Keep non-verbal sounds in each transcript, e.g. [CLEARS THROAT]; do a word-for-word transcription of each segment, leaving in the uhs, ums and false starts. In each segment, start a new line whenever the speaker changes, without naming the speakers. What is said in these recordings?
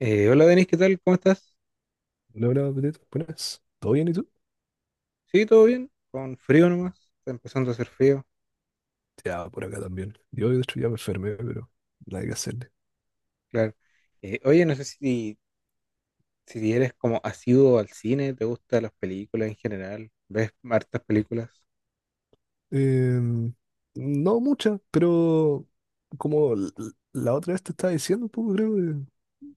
Eh, hola Denis, ¿qué tal? ¿Cómo estás?
No, hola, Petito, buenas. ¿Todo bien y tú?
Sí, todo bien, con frío nomás, está empezando a hacer frío,
Ya, por acá también. Yo, de hecho, ya me enfermé, pero nada que hacerle.
claro. Eh, oye, no sé si, si eres como asiduo al cine, ¿te gustan las películas en general? ¿Ves hartas películas?
Em, no mucha, pero como l- la otra vez te estaba diciendo un poco, creo que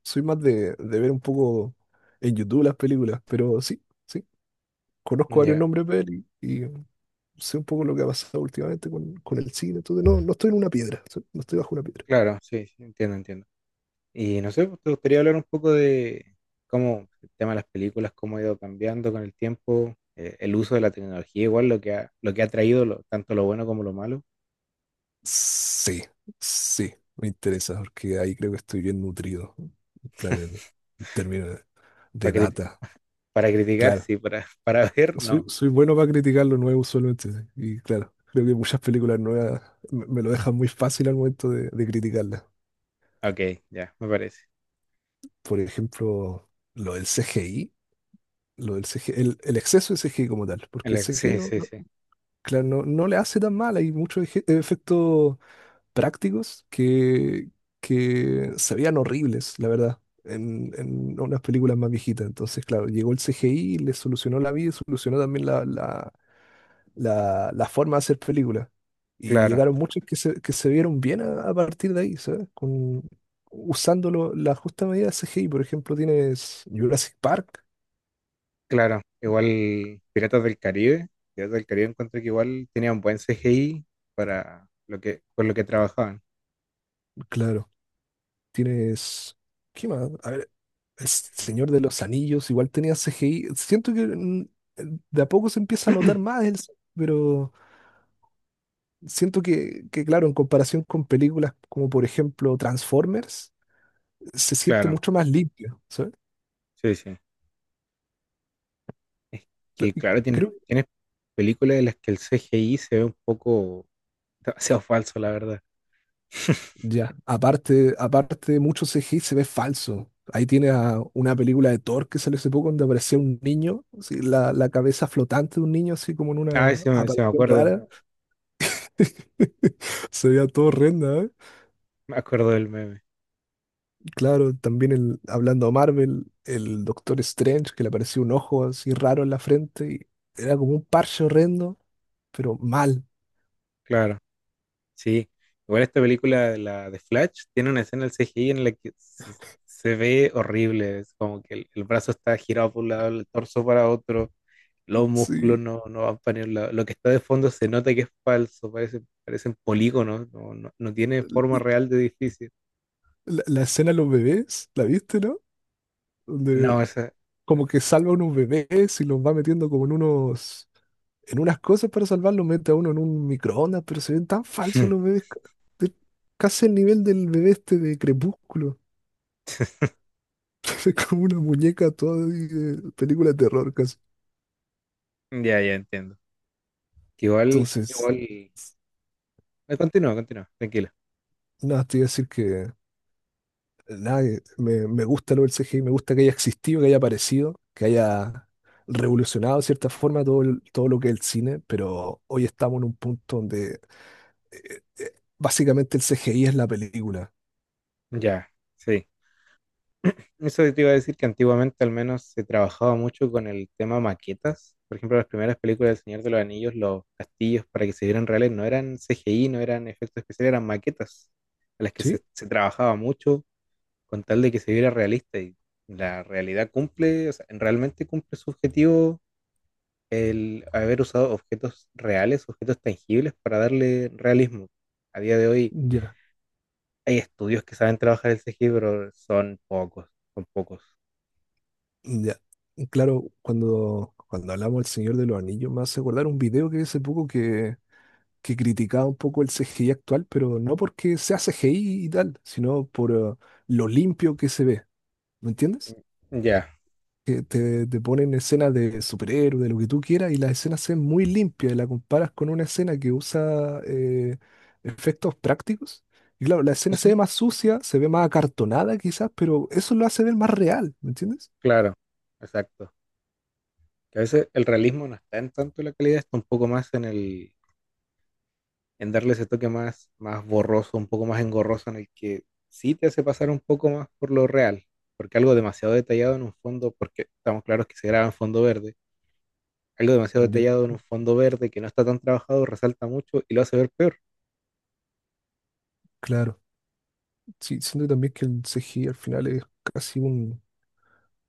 soy más de, de ver un poco en YouTube las películas, pero sí, sí, conozco varios
Ya,
nombres de peli y sé un poco lo que ha pasado últimamente con, con el cine. Entonces, no, no estoy en una piedra, so- no estoy bajo una piedra.
claro, sí, sí, entiendo, entiendo. Y no sé, pues, te gustaría hablar un poco de cómo el tema de las películas, cómo ha ido cambiando con el tiempo, eh, el uso de la tecnología, igual lo que ha, lo que ha traído lo- tanto lo bueno como lo malo,
Sí, sí, me interesa porque ahí creo que estoy bien nutrido, en plan, en términos de
para, cri-
data.
[LAUGHS] para criticar,
Claro,
sí, para, [LAUGHS] para ver,
soy,
no.
soy bueno para criticar lo nuevo usualmente, sí, y claro, creo que muchas películas nuevas me, me lo dejan muy fácil al momento de, de criticarlas.
Ok, ya, me parece.
Por ejemplo, lo del C G I, lo del C G I, el, el exceso de C G I como tal, porque el
El
C G I
sí,
no,
sí,
no-
sí.
claro, no, no le hace tan mal, hay muchos eje- efectos prácticos que, que se veían horribles, la verdad, en, en unas películas más viejitas. Entonces, claro, llegó el C G I, y le solucionó la vida y solucionó también la, la, la, la forma de hacer películas. Y
Claro,
llegaron muchos que se, que se vieron bien a, a partir de ahí, ¿sabes? Con, usando lo- la justa medida de C G I. Por ejemplo, tienes Jurassic Park.
claro. Igual Piratas del Caribe. Piratas del Caribe encontré que igual tenían buen C G I para lo que, por lo que trabajaban.
Claro, tienes... ¿Qué más? El Señor de los Anillos igual tenía C G I. Siento que mm, de a poco se empieza a notar
[CLEARS THROAT]
más, el- pero siento que, que, claro, en comparación con películas como por ejemplo Transformers, se siente
Claro,
mucho más limpio, ¿sabes?
sí, sí. Es
Cre-
que
y
claro, tienes,
Creo,
tienes películas en las que el C G I se ve un poco demasiado falso, la verdad. [LAUGHS]
ya, aparte, aparte de mucho C G I se ve falso. Ahí tiene a una película de Thor que salió hace poco donde aparecía un niño, así, la, la cabeza flotante de un niño así como en
Ay,
una
sí me, sí me
aparición
acuerdo.
rara. [LAUGHS] Se veía todo horrenda.
Me acuerdo del meme.
Claro, también el, hablando de Marvel, el Doctor Strange, que le apareció un ojo así raro en la frente y era como un parche horrendo, pero mal.
Claro. Sí, igual esta película, la de Flash, tiene una escena del C G I en la que se, se ve horrible, es como que el, el brazo está girado por un lado, el torso para otro, los músculos
Sí.
no, no van para ningún lado, lo que está de fondo se nota que es falso, parece, parecen polígonos, no, no, no tiene forma real de edificio.
La, la escena de los bebés, ¿la viste, no? Donde
No, esa...
como que salva a unos bebés y los va metiendo como en unos, en unas cosas para salvarlos, mete a uno en un microondas, pero se ven tan falsos los
[CLEARS THROAT]
bebés, ca- de- casi el nivel del bebé este de Crepúsculo. [LAUGHS] Es como una muñeca toda de de película de terror casi.
Ya, ya entiendo. Que igual,
Entonces.
igual... eh, Continúa, continúa, tranquila.
Nada, te iba a decir que nada, que me, me gusta lo del C G I, me gusta que haya existido, que haya aparecido, que haya revolucionado de cierta forma todo, el- todo lo que es el cine, pero hoy estamos en un punto donde básicamente el C G I es la película.
Ya, sí. Eso te iba a decir que antiguamente al menos se trabajaba mucho con el tema maquetas. Por ejemplo, las primeras películas del Señor de los Anillos, los castillos para que se vieran reales no eran C G I, no eran efectos especiales, eran maquetas a las que se,
¿Sí?
se trabajaba mucho con tal de que se viera realista. Y la realidad cumple, o sea, realmente cumple su objetivo el haber usado objetos reales, objetos tangibles para darle realismo. A día de hoy
Ya.
hay estudios que saben trabajar el C G I, pero son pocos, son pocos.
Ya. Y claro, cuando, cuando hablamos del Señor de los Anillos, me hace acordar un video que vi hace poco que, que criticaba un poco el C G I actual, pero no porque sea C G I y tal, sino por eh, lo limpio que se ve. ¿Me entiendes?
Ya.
Que te, te ponen escenas de superhéroes, de lo que tú quieras, y las escenas se ven muy limpias y la comparas con una escena que usa eh, efectos prácticos. Y claro, la
Sí,
escena se
sí,
ve más sucia, se ve más acartonada quizás, pero eso lo hace ver más real, ¿me entiendes?
claro, exacto. Que a veces el realismo no está en tanto la calidad, está un poco más en el, en darle ese toque más, más borroso, un poco más engorroso, en el que sí te hace pasar un poco más por lo real, porque algo demasiado detallado en un fondo, porque estamos claros que se graba en fondo verde, algo demasiado
Ya.
detallado en un fondo verde que no está tan trabajado resalta mucho y lo hace ver peor.
Claro, sí, siento también que el C G I al final es casi un,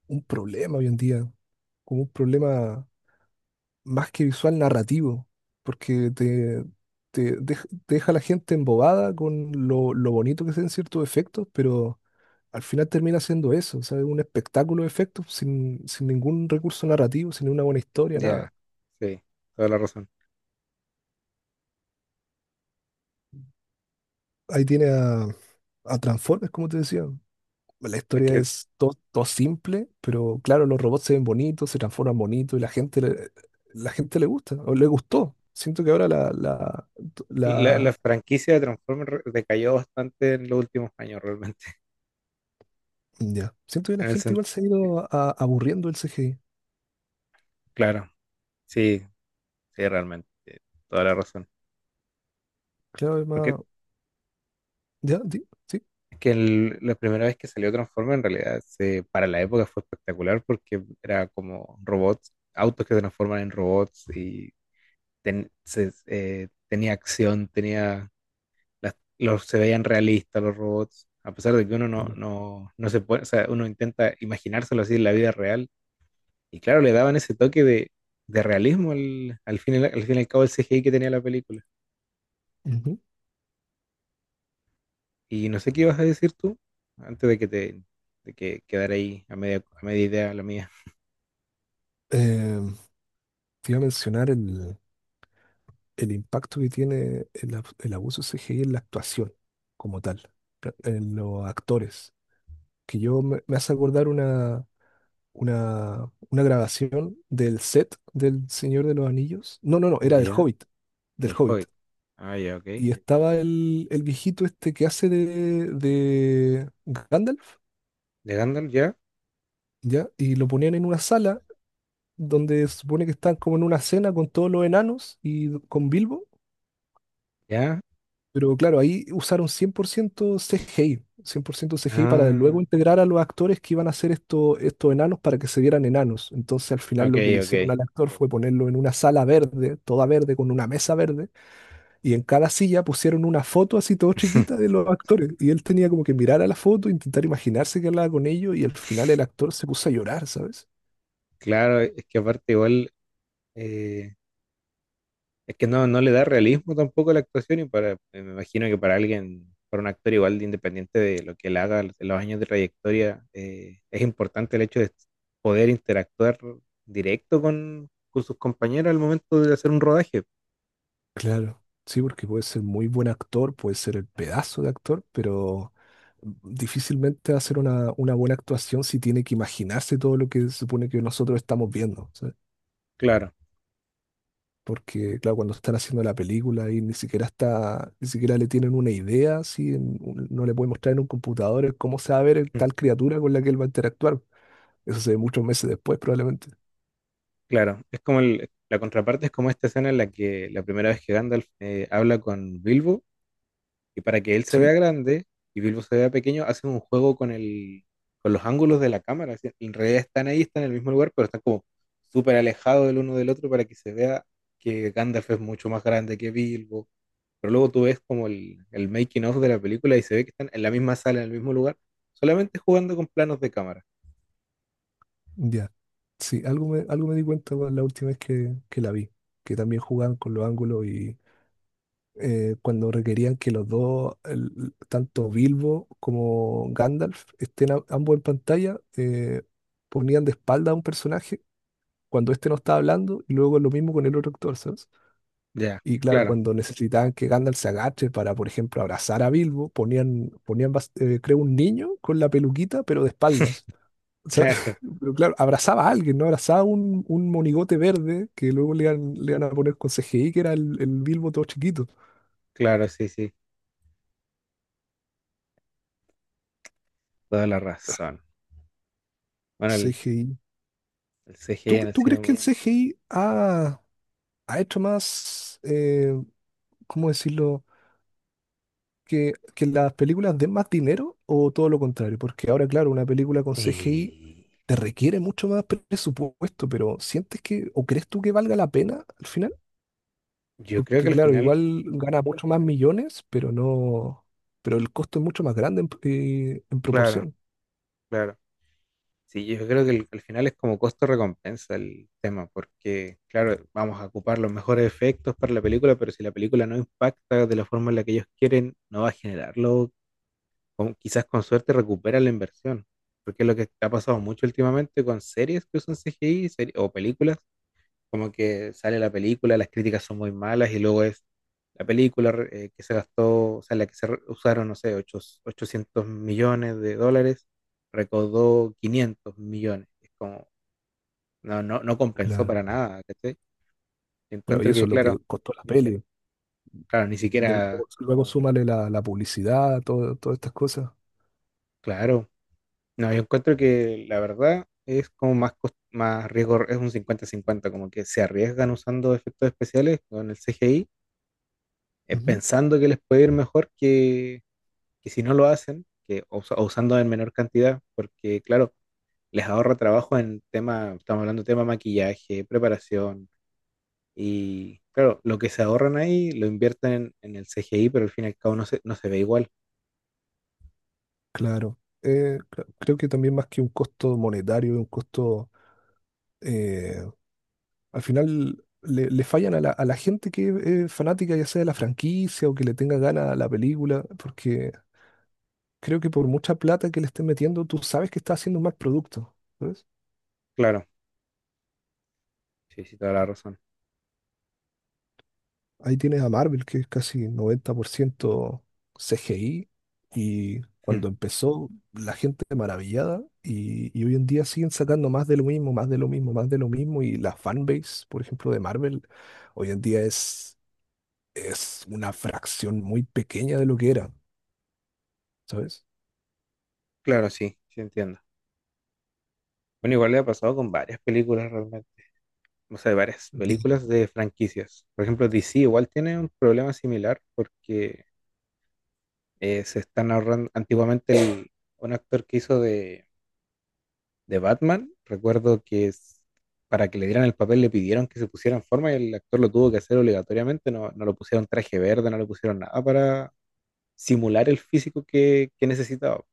un problema hoy en día, como un problema más que visual narrativo, porque te, te dej- te deja a la gente embobada con lo, lo bonito que se ven ciertos efectos, pero al final termina siendo eso, o sea, un espectáculo de efectos sin, sin ningún recurso narrativo, sin una buena historia, nada.
Ya, sí, toda la razón.
Ahí tiene a, a Transformers, como te decía. La
Es
historia
que
es todo, todo simple, pero claro, los robots se ven bonitos, se transforman bonitos y la gente le, la gente le gusta, o le gustó. Siento que ahora la, la,
la, la
la-
franquicia de Transformers re- decayó bastante en los últimos años realmente,
ya. Siento que
[LAUGHS]
la
en el
gente
sentido,
igual se ha ido a- aburriendo del C G I.
claro. Sí, sí, realmente, toda la razón.
Claro, es
Porque
más. Ya, di- sí.
es que el- la primera vez que salió Transformers, en realidad, se, para la época fue espectacular porque era como robots, autos que se transforman en robots y ten- se- eh, tenía acción, tenía las- los, se veían realistas los robots, a pesar de que uno
Ahí
no,
bien.
no, no se puede, o sea, uno intenta imaginárselo así en la vida real. Y claro, le daban ese toque de, de realismo al, al fin, y al al fin y al cabo el C G I que tenía la película.
Ujú.
Y no sé qué ibas a decir tú antes de que te de que quedara ahí a media, a media idea la mía.
Eh, Te iba a mencionar el. el impacto que tiene el, ab- el abuso C G I en la actuación como tal, pra- en los actores. Que yo me, me hace acordar una, una, una grabación del set del Señor de los Anillos. No, no, no, era del
Ya,
Hobbit, del
del
Hobbit.
Hobbit. Ah, ya, ok.
Y estaba el, el viejito este que hace de, de Gandalf,
¿De Gandalf ya?
¿ya? Y lo ponían en una sala donde se supone que están como en una cena con todos los enanos y con Bilbo.
Ya.
Pero claro, ahí usaron cien por ciento C G I, cien por ciento C G I para
Ah,
luego integrar a los actores que iban a hacer esto- estos enanos para que se vieran enanos. Entonces al final
ok,
lo que le hicieron
ok.
al actor fue ponerlo en una sala verde, toda verde, con una mesa verde, y en cada silla pusieron una foto así todo chiquita
[LAUGHS]
de los actores. Y él tenía como que mirar a la foto, intentar imaginarse que hablaba con ellos, y al final el actor se puso a llorar, ¿sabes?
Claro, es que aparte igual, eh, es que no, no le da realismo tampoco a la actuación y para, eh, me imagino que para alguien, para un actor igual de independiente de lo que él haga, de los años de trayectoria, eh, es importante el hecho de poder interactuar directo con, con sus compañeros al momento de hacer un rodaje.
Claro, sí, porque puede ser muy buen actor, puede ser el pedazo de actor, pero difícilmente va a ser una, una buena actuación si tiene que imaginarse todo lo que se supone que nosotros estamos viendo, ¿sabes?
Claro.
Porque, claro, cuando están haciendo la película y ni siquiera está, ni siquiera le tienen una idea, si no le pueden mostrar en un computador cómo se va a ver el-
Mm,
tal criatura con la que él va a interactuar. Eso se ve muchos meses después, probablemente.
claro, es como el- la contraparte es como esta escena en la que la primera vez que Gandalf eh, habla con Bilbo y para que él se vea
Sí,
grande y Bilbo se vea pequeño, hacen un juego con el, con los ángulos de la cámara. Así, en realidad están ahí, están en el mismo lugar, pero están como súper alejados el uno del otro para que se vea que Gandalf es mucho más grande que Bilbo. Pero luego tú ves como el, el making of de la película y se ve que están en la misma sala, en el mismo lugar, solamente jugando con planos de cámara.
ya. Sí, algo me, algo me di cuenta con la última vez que, que la vi, que también jugaban con los ángulos eh, cuando requerían que los dos, el- tanto Bilbo como Gandalf, estén a- ambos en pantalla, eh, ponían de espalda a un personaje cuando este no estaba hablando y luego lo mismo con el otro actor, ¿sabes?
Ya,
Y claro,
claro,
cuando necesitaban que Gandalf se agache para, por ejemplo, abrazar a Bilbo, ponían, ponían bas- eh, creo, un niño con la peluquita, pero de espaldas. O sea,
[LAUGHS] claro,
[LAUGHS] pero claro, abrazaba a alguien, ¿no? Abrazaba un, un monigote verde que luego le iban, le iban a poner con C G I, que era el, el Bilbo todo chiquito.
claro, sí, sí, toda la razón. Bueno, el,
C G I.
el C G I
¿Tú,
en el
tú crees que el
cine.
Eh, C G I ha, ha hecho más, eh, cómo decirlo? Que, que las películas den más dinero o todo lo contrario? Porque ahora, claro, una película con C G I
eh,
te requiere mucho más presupuesto, pero ¿sientes que, o crees tú que valga la pena al final?
yo creo que
Porque,
al
claro,
final,
igual gana mucho más millones, pero no, pero el costo es mucho más grande en, eh, en
claro,
proporción.
claro. Sí, yo creo que el- al final es como costo-recompensa el tema, porque, claro, vamos a ocupar los mejores efectos para la película, pero si la película no impacta de la forma en la que ellos quieren, no va a generarlo. Con- quizás con suerte recupera la inversión, porque es lo que ha pasado mucho últimamente con series que usan C G I serie- o películas. Como que sale la película, las críticas son muy malas y luego es la película eh, que se gastó, o sea, la que se re- usaron, no sé, ocho- ochocientos millones de dólares, recaudó quinientos millones. Es como, no, no, no compensó
Claro.
para nada, ¿cachai? Yo
Claro, y
encuentro que,
eso es lo
claro,
que costó la sí, peli.
claro, ni
De-
siquiera,
Luego súmale la, la publicidad, todo- todas estas cosas.
claro, no, yo encuentro que la verdad es como más, cos- más riesgo, es un cincuenta cincuenta como que se arriesgan usando efectos especiales con el C G I, eh, pensando que les puede ir mejor que que si no lo hacen, que usa- o usando en menor cantidad, porque claro, les ahorra trabajo en tema, estamos hablando de tema maquillaje, preparación, y claro, lo que se ahorran ahí lo invierten en, en el C G I, pero al fin y al cabo no se, no se ve igual.
Claro. Eh, cre- creo que también más que un costo monetario, un costo, eh, al final le, le fallan a la, a la gente que es fanática ya sea de la franquicia o que le tenga ganas a la película, porque creo que por mucha plata que le estén metiendo, tú sabes que está haciendo un mal producto.
Claro, sí, sí, toda la razón.
Ahí tienes a Marvel, que es casi noventa por ciento C G I, y
Mm,
cuando empezó la gente maravillada, y, y hoy en día siguen sacando más de lo mismo, más de lo mismo, más de lo mismo, y la fanbase, por ejemplo, de Marvel, hoy en día es, es una fracción muy pequeña de lo que era, ¿sabes?
claro, sí, sí entiendo. Bueno, igual le ha pasado con varias películas realmente. O sea, varias
Di-
películas de franquicias. Por ejemplo, D C igual tiene un problema similar porque eh, se están ahorrando antiguamente el- un actor que hizo de, de Batman. Recuerdo que es- para que le dieran el papel le pidieron que se pusiera en forma y el actor lo tuvo que hacer obligatoriamente. No, no lo pusieron traje verde, no le pusieron nada para simular el físico que, que necesitaba.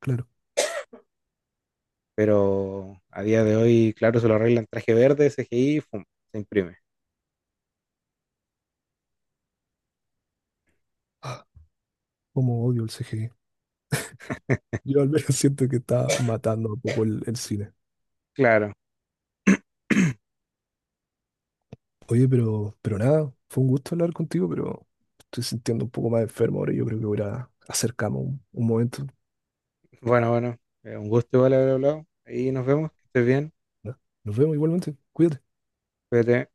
Claro,
Pero a día de hoy, claro, se lo arreglan traje verde, C G I, fum, se imprime.
como odio el C G I. Yo al menos [LAUGHS] siento que está matando un poco el, el cine.
Claro.
Oye, pero, pero nada, fue un gusto hablar contigo, pero estoy sintiendo un poco más enfermo ahora y yo creo que voy a ir a hacer cama un, un momento.
Bueno, bueno, eh, un gusto igual haber hablado. Ahí nos vemos, que estés bien,
Nos vemos igualmente, cuídate.
cuídate.